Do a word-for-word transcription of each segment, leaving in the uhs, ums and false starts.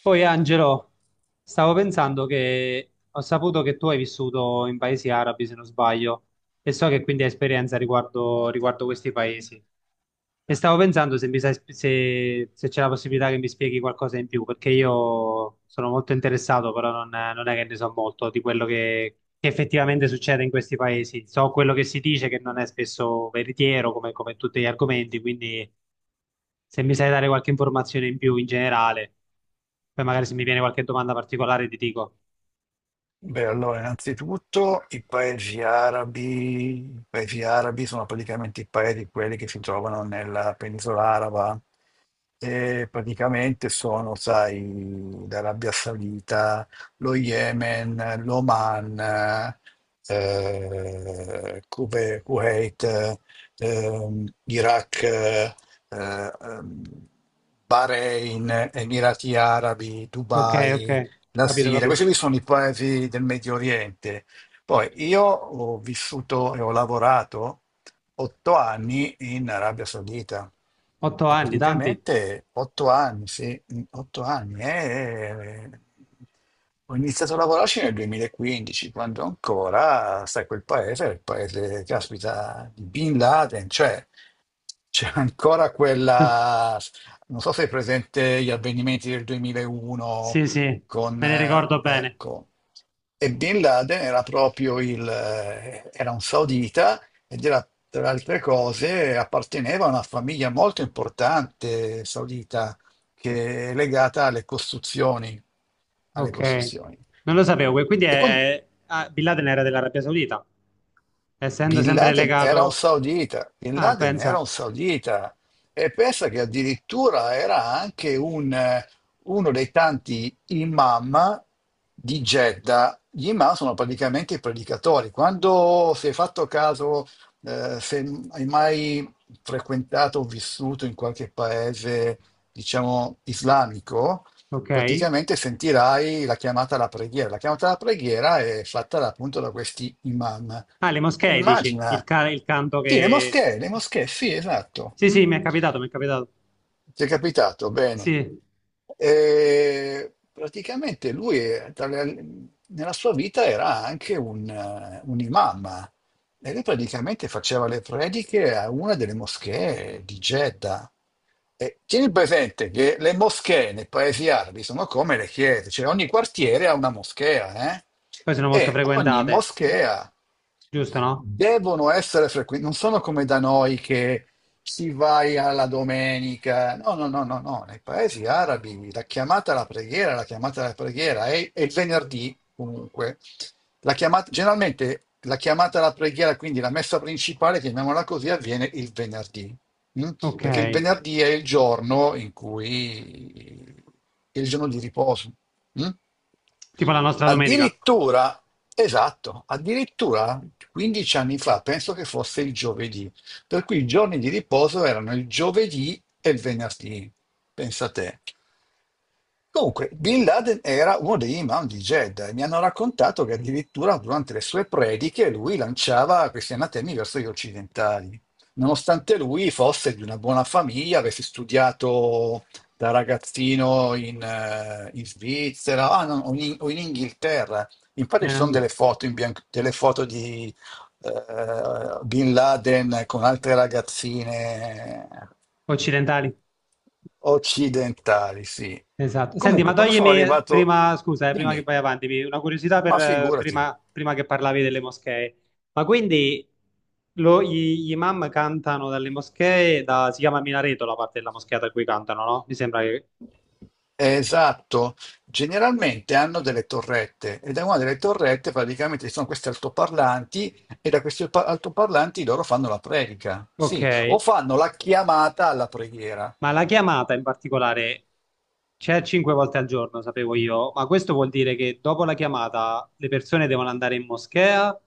Poi Angelo, stavo pensando che ho saputo che tu hai vissuto in paesi arabi, se non sbaglio, e so che quindi hai esperienza riguardo, riguardo questi paesi. E stavo pensando se, mi sai- sp- se- se c'è la possibilità che mi spieghi qualcosa in più, perché io sono molto interessato, però non, non è che ne so molto di quello che, che effettivamente succede in questi paesi. So quello che si dice, che non è spesso veritiero, come, come tutti gli argomenti, quindi se mi sai dare qualche informazione in più in generale, poi magari se mi viene qualche domanda particolare ti dico. Beh, allora, innanzitutto i paesi arabi, i paesi arabi sono praticamente i paesi quelli che si trovano nella penisola araba e praticamente sono, sai, l'Arabia Saudita, lo Yemen, l'Oman, eh, Kuwe- Kuwait, ehm, Iraq, eh, ehm, Bahrain, Emirati Arabi, Ok, ok, Dubai. La capito, Siria, questi capito. qui sono i paesi del Medio Oriente. Poi io ho vissuto e ho lavorato otto anni in Arabia Saudita Otto e anni, tanti? praticamente otto anni, sì, mm, otto anni. eh, Ho iniziato a lavorarci nel duemilaquindici, quando ancora, sai, quel paese era il paese, caspita, di Bin Laden, cioè c'è ancora quella, non so se è presente gli avvenimenti del duemilauno Sì, sì, me con, ne eh, ricordo bene. ecco. E Bin Laden era proprio il, eh, era un saudita ed era, tra altre cose, apparteneva a una famiglia molto importante saudita che è legata alle costruzioni, alle Ok, costruzioni. non lo sapevo, que- quindi è, E quan- è- ah, Bin Laden era dell'Arabia Saudita, essendo Bin sempre Laden era un legato. saudita, Bin Ah, Laden era pensa, un saudita e pensa che addirittura era anche un, eh, uno dei tanti imam di Jeddah. Gli imam sono praticamente i predicatori. Quando si è fatto caso, eh, se hai mai frequentato o vissuto in qualche paese, diciamo, islamico, ok. praticamente sentirai la chiamata alla preghiera. La chiamata alla preghiera è fatta da- appunto da questi imam. Ah, le E moschee, dici, il, immagina, ca- il canto sì, le che. moschee, le moschee, sì, esatto. Sì, Mm. sì, mi è capitato, mi è capitato. Ti è capitato? Bene. Sì, E praticamente lui, eh, tra le- nella sua vita, era anche un, eh, un imam e lui praticamente faceva le prediche a una delle moschee di Jeddah. E tieni presente che le moschee nei paesi arabi sono come le chiese, cioè ogni quartiere ha una moschea, eh? poi sono molto E ogni frequentate, moschea giusto, no? devono essere frequenti, non sono come da noi che si vai alla domenica. No, no, no, no, no. Nei paesi arabi la chiamata alla preghiera, la chiamata alla preghiera è, è il venerdì comunque. La chiamata, generalmente la chiamata alla preghiera, quindi la messa principale, chiamiamola così, avviene il venerdì. Mm? Ok, Perché il venerdì è il giorno in cui è il giorno di riposo. Mm? tipo la nostra domenica. Addirittura, esatto, addirittura quindici anni fa, penso che fosse il giovedì, per cui i giorni di riposo erano il giovedì e il venerdì, pensa te. Comunque, Bin Laden era uno degli imam di Jeddah e mi hanno raccontato che addirittura durante le sue prediche lui lanciava questi anatemi verso gli occidentali, nonostante lui fosse di una buona famiglia, avesse studiato da ragazzino in, eh, in Svizzera, ah, no, o, in, o in Inghilterra. Infatti ci sono Eh, delle foto, in bianco- delle foto di eh, Bin Laden con altre ragazzine Occidentali. occidentali, sì. Esatto. Senti, Comunque, ma quando sono toglimi arrivato, prima, scusa, eh, prima che dimmi, vai avanti, mi- una curiosità per, ma eh, figurati, prima, prima che parlavi delle moschee. Ma quindi lo- gli, gli imam cantano dalle moschee, da- si chiama minareto la parte della moschea da cui cantano, no? Mi sembra che. è esatto, generalmente hanno delle torrette e da una delle torrette praticamente ci sono questi altoparlanti e da questi alpa- altoparlanti loro fanno la predica, Ok, sì, o fanno la chiamata alla preghiera. ma la chiamata in particolare c'è cinque volte al giorno, sapevo io, ma questo vuol dire che dopo la chiamata le persone devono andare in moschea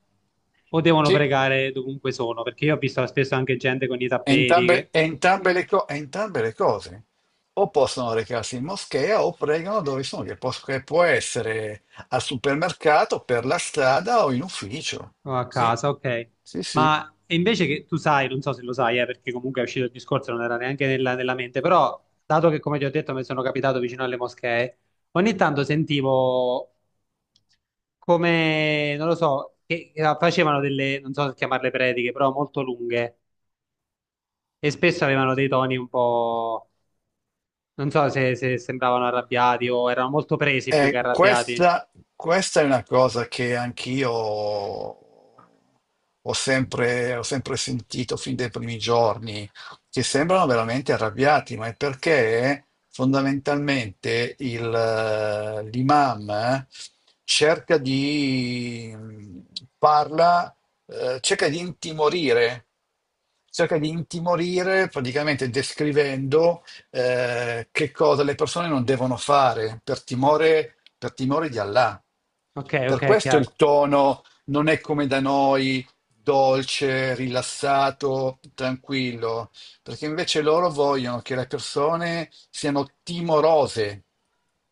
o devono Sì. pregare dovunque sono? Perché io ho visto spesso anche gente con i È tappeti Entrambe, che. è entrambe le co- è entrambe le cose, o possono recarsi in moschea o pregano dove sono, che, pos- che può essere al supermercato, per la strada o in ufficio. O a Sì, casa, ok. sì, sì. Ma e invece che tu sai, non so se lo sai, eh, perché comunque è uscito il discorso, non era neanche nella, nella mente, però dato che come ti ho detto mi sono capitato vicino alle moschee, ogni tanto sentivo come, non lo so, che eh, facevano delle, non so se chiamarle prediche, però molto lunghe e spesso avevano dei toni un po', non so se, se sembravano arrabbiati o erano molto presi più che Eh, arrabbiati. questa, questa è una cosa che anch'io ho sempre, ho sempre, sentito fin dai primi giorni, che sembrano veramente arrabbiati, ma è perché fondamentalmente il, eh, l'imam eh, cerca di parla, eh, cerca di intimorire, cerca di intimorire praticamente descrivendo eh, che cosa le persone non devono fare per timore, per timore di Allah. Ok, Per ok, questo il chiaro. tono non è come da noi, dolce, rilassato, tranquillo, perché invece loro vogliono che le persone siano timorose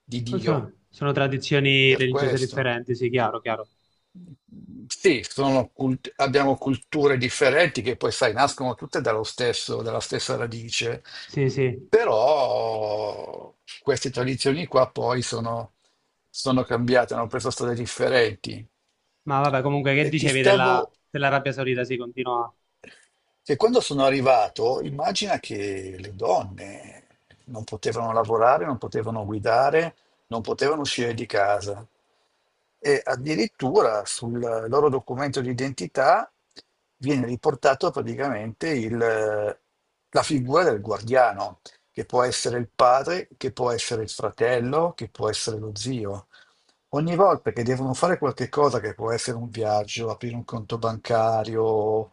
di Oh, Sono, Dio, sono tradizioni per religiose questo. differenti, sì, chiaro, chiaro. Sì, sono cult- abbiamo culture differenti che poi, sai, nascono tutte dallo stesso- dalla stessa radice, Sì, sì. però queste tradizioni qua poi sono, sono cambiate, hanno preso strade differenti. Ma vabbè, comunque, che E ti dicevi stavo della, dell'Arabia Saudita? Sì, continua. Che Quando sono arrivato, immagina che le donne non potevano lavorare, non potevano guidare, non potevano uscire di casa. E addirittura sul loro documento di identità viene riportato praticamente il- la figura del guardiano, che può essere il padre, che può essere il fratello, che può essere lo zio. Ogni volta che devono fare qualche cosa, che può essere un viaggio, aprire un conto bancario,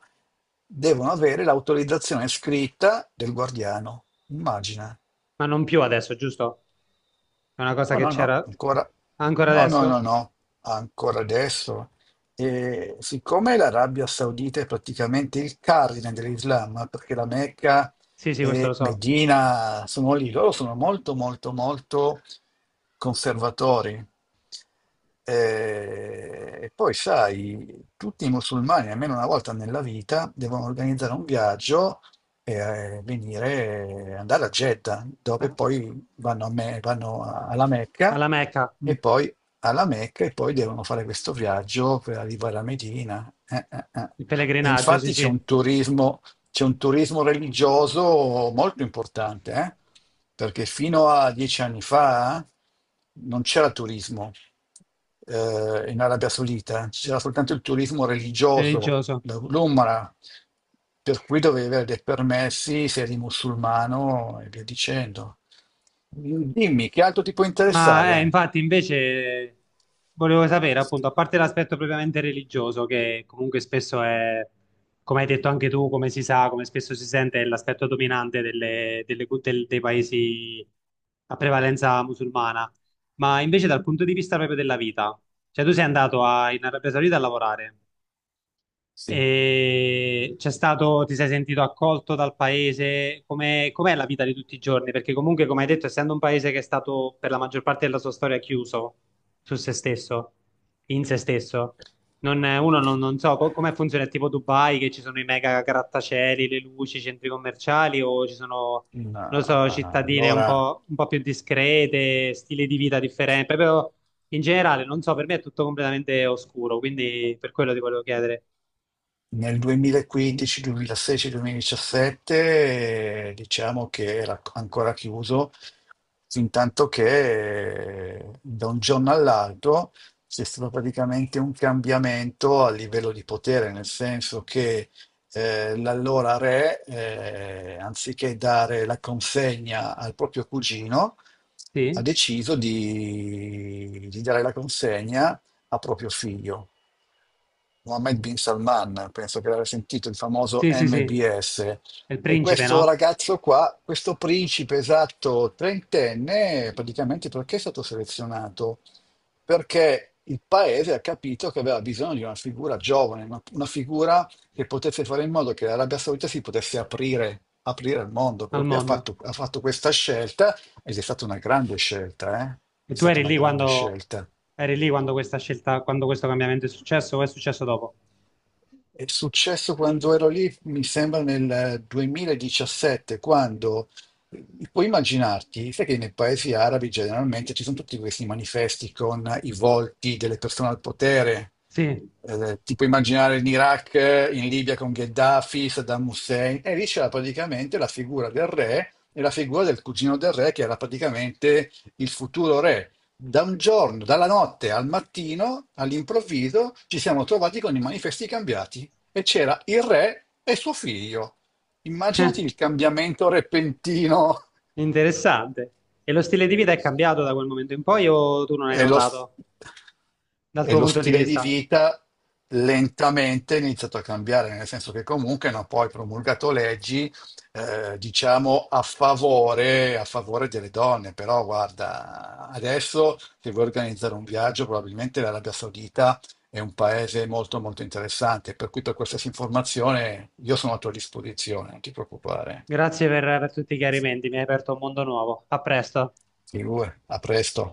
devono avere l'autorizzazione scritta del guardiano. Immagina. Ma non più adesso, giusto? È una cosa No, che no, no, c'era ancora. ancora No, no, adesso? no, no, ancora adesso. E siccome l'Arabia Saudita è praticamente il cardine dell'Islam, perché la Mecca Sì, sì, questo lo e so. Medina sono lì, loro sono molto, molto, molto conservatori. Eh, E poi, sai, tutti i musulmani, almeno una volta nella vita, devono organizzare un viaggio e eh, venire, andare a Jeddah, dove Ah, poi vanno, a Me- vanno a- alla Mecca alla Mecca, mm, e poi alla Mecca e poi devono fare questo viaggio per arrivare a Medina. Eh, eh, eh. il E pellegrinaggio, sì, infatti c'è sì. un turismo, c'è un turismo religioso molto importante, eh? Perché fino a dieci anni fa non c'era turismo eh, in Arabia Saudita, c'era soltanto il turismo religioso, Religioso. la- l'Umra, per cui dovevi avere dei permessi se eri musulmano e via dicendo. Dimmi, che altro ti può Ma eh, interessare? infatti, invece, volevo sapere, appunto, a parte l'aspetto propriamente religioso, che comunque spesso è, come hai detto anche tu, come si sa, come spesso si sente, è l'aspetto dominante delle- delle- del- dei paesi a prevalenza musulmana, ma invece dal punto di vista proprio della vita, cioè tu sei andato a- in Arabia Saudita a lavorare. Sì, E c'è stato, ti sei sentito accolto dal paese? Com'è, com'è la vita di tutti i giorni? Perché comunque, come hai detto, essendo un paese che è stato per la maggior parte della sua storia chiuso su se stesso, in se stesso, non, uno non, non so co- come funziona, è tipo Dubai, che ci sono i mega grattacieli, le luci, i centri commerciali, o ci sono, in, non lo so, ah, cittadine un allora po', un po' più discrete, stili di vita differenti, proprio in generale, non so, per me è tutto completamente oscuro, quindi per quello ti volevo chiedere. nel duemilaquindici, duemilasedici, duemiladiciassette, eh, diciamo che era ancora chiuso. Intanto che eh, da un giorno all'altro c'è stato praticamente un cambiamento a livello di potere, nel senso che eh, l'allora re, eh, anziché dare la consegna al proprio cugino, ha Sì? deciso di, di dare la consegna a proprio figlio. Mohammed bin Salman, penso che l'avrei sentito, il famoso Sì, sì, sì. M B S. È il E principe, questo no? ragazzo qua, questo principe esatto trentenne, praticamente perché è stato selezionato? Perché il paese ha capito che aveva bisogno di una figura giovane, una, una figura che potesse fare in modo che l'Arabia Saudita si potesse aprire, aprire al mondo. Per Al cui ha mondo. fatto, ha fatto questa scelta ed è stata una grande scelta, eh? E È tu stata eri una lì grande quando, scelta. eri lì quando questa scelta, quando questo cambiamento è successo, o è successo dopo? È successo quando ero lì, mi sembra nel duemiladiciassette, quando eh, puoi immaginarti, sai che nei paesi arabi generalmente ci sono tutti questi manifesti con i volti delle persone al potere. Sì. Eh, ti puoi immaginare in Iraq, in Libia con Gheddafi, Saddam Hussein, e lì c'era praticamente la figura del re e la figura del cugino del re, che era praticamente il futuro re. Da un giorno, dalla notte al mattino, all'improvviso, ci siamo trovati con i manifesti cambiati e c'era il re e suo figlio. Immaginati il cambiamento repentino. Interessante. E lo stile di vita è cambiato da quel momento in poi o tu non hai E lo, s- notato dal e tuo lo punto di stile di vista? vita lentamente è iniziato a cambiare, nel senso che comunque hanno poi promulgato leggi, eh, diciamo, a favore, a favore delle donne. Però guarda, adesso se vuoi organizzare un viaggio, probabilmente l'Arabia Saudita è un paese molto molto interessante, per cui per qualsiasi informazione io sono a tua disposizione, non ti preoccupare. Grazie per, per tutti i chiarimenti, mi hai aperto un mondo nuovo. A presto. Figura, a presto.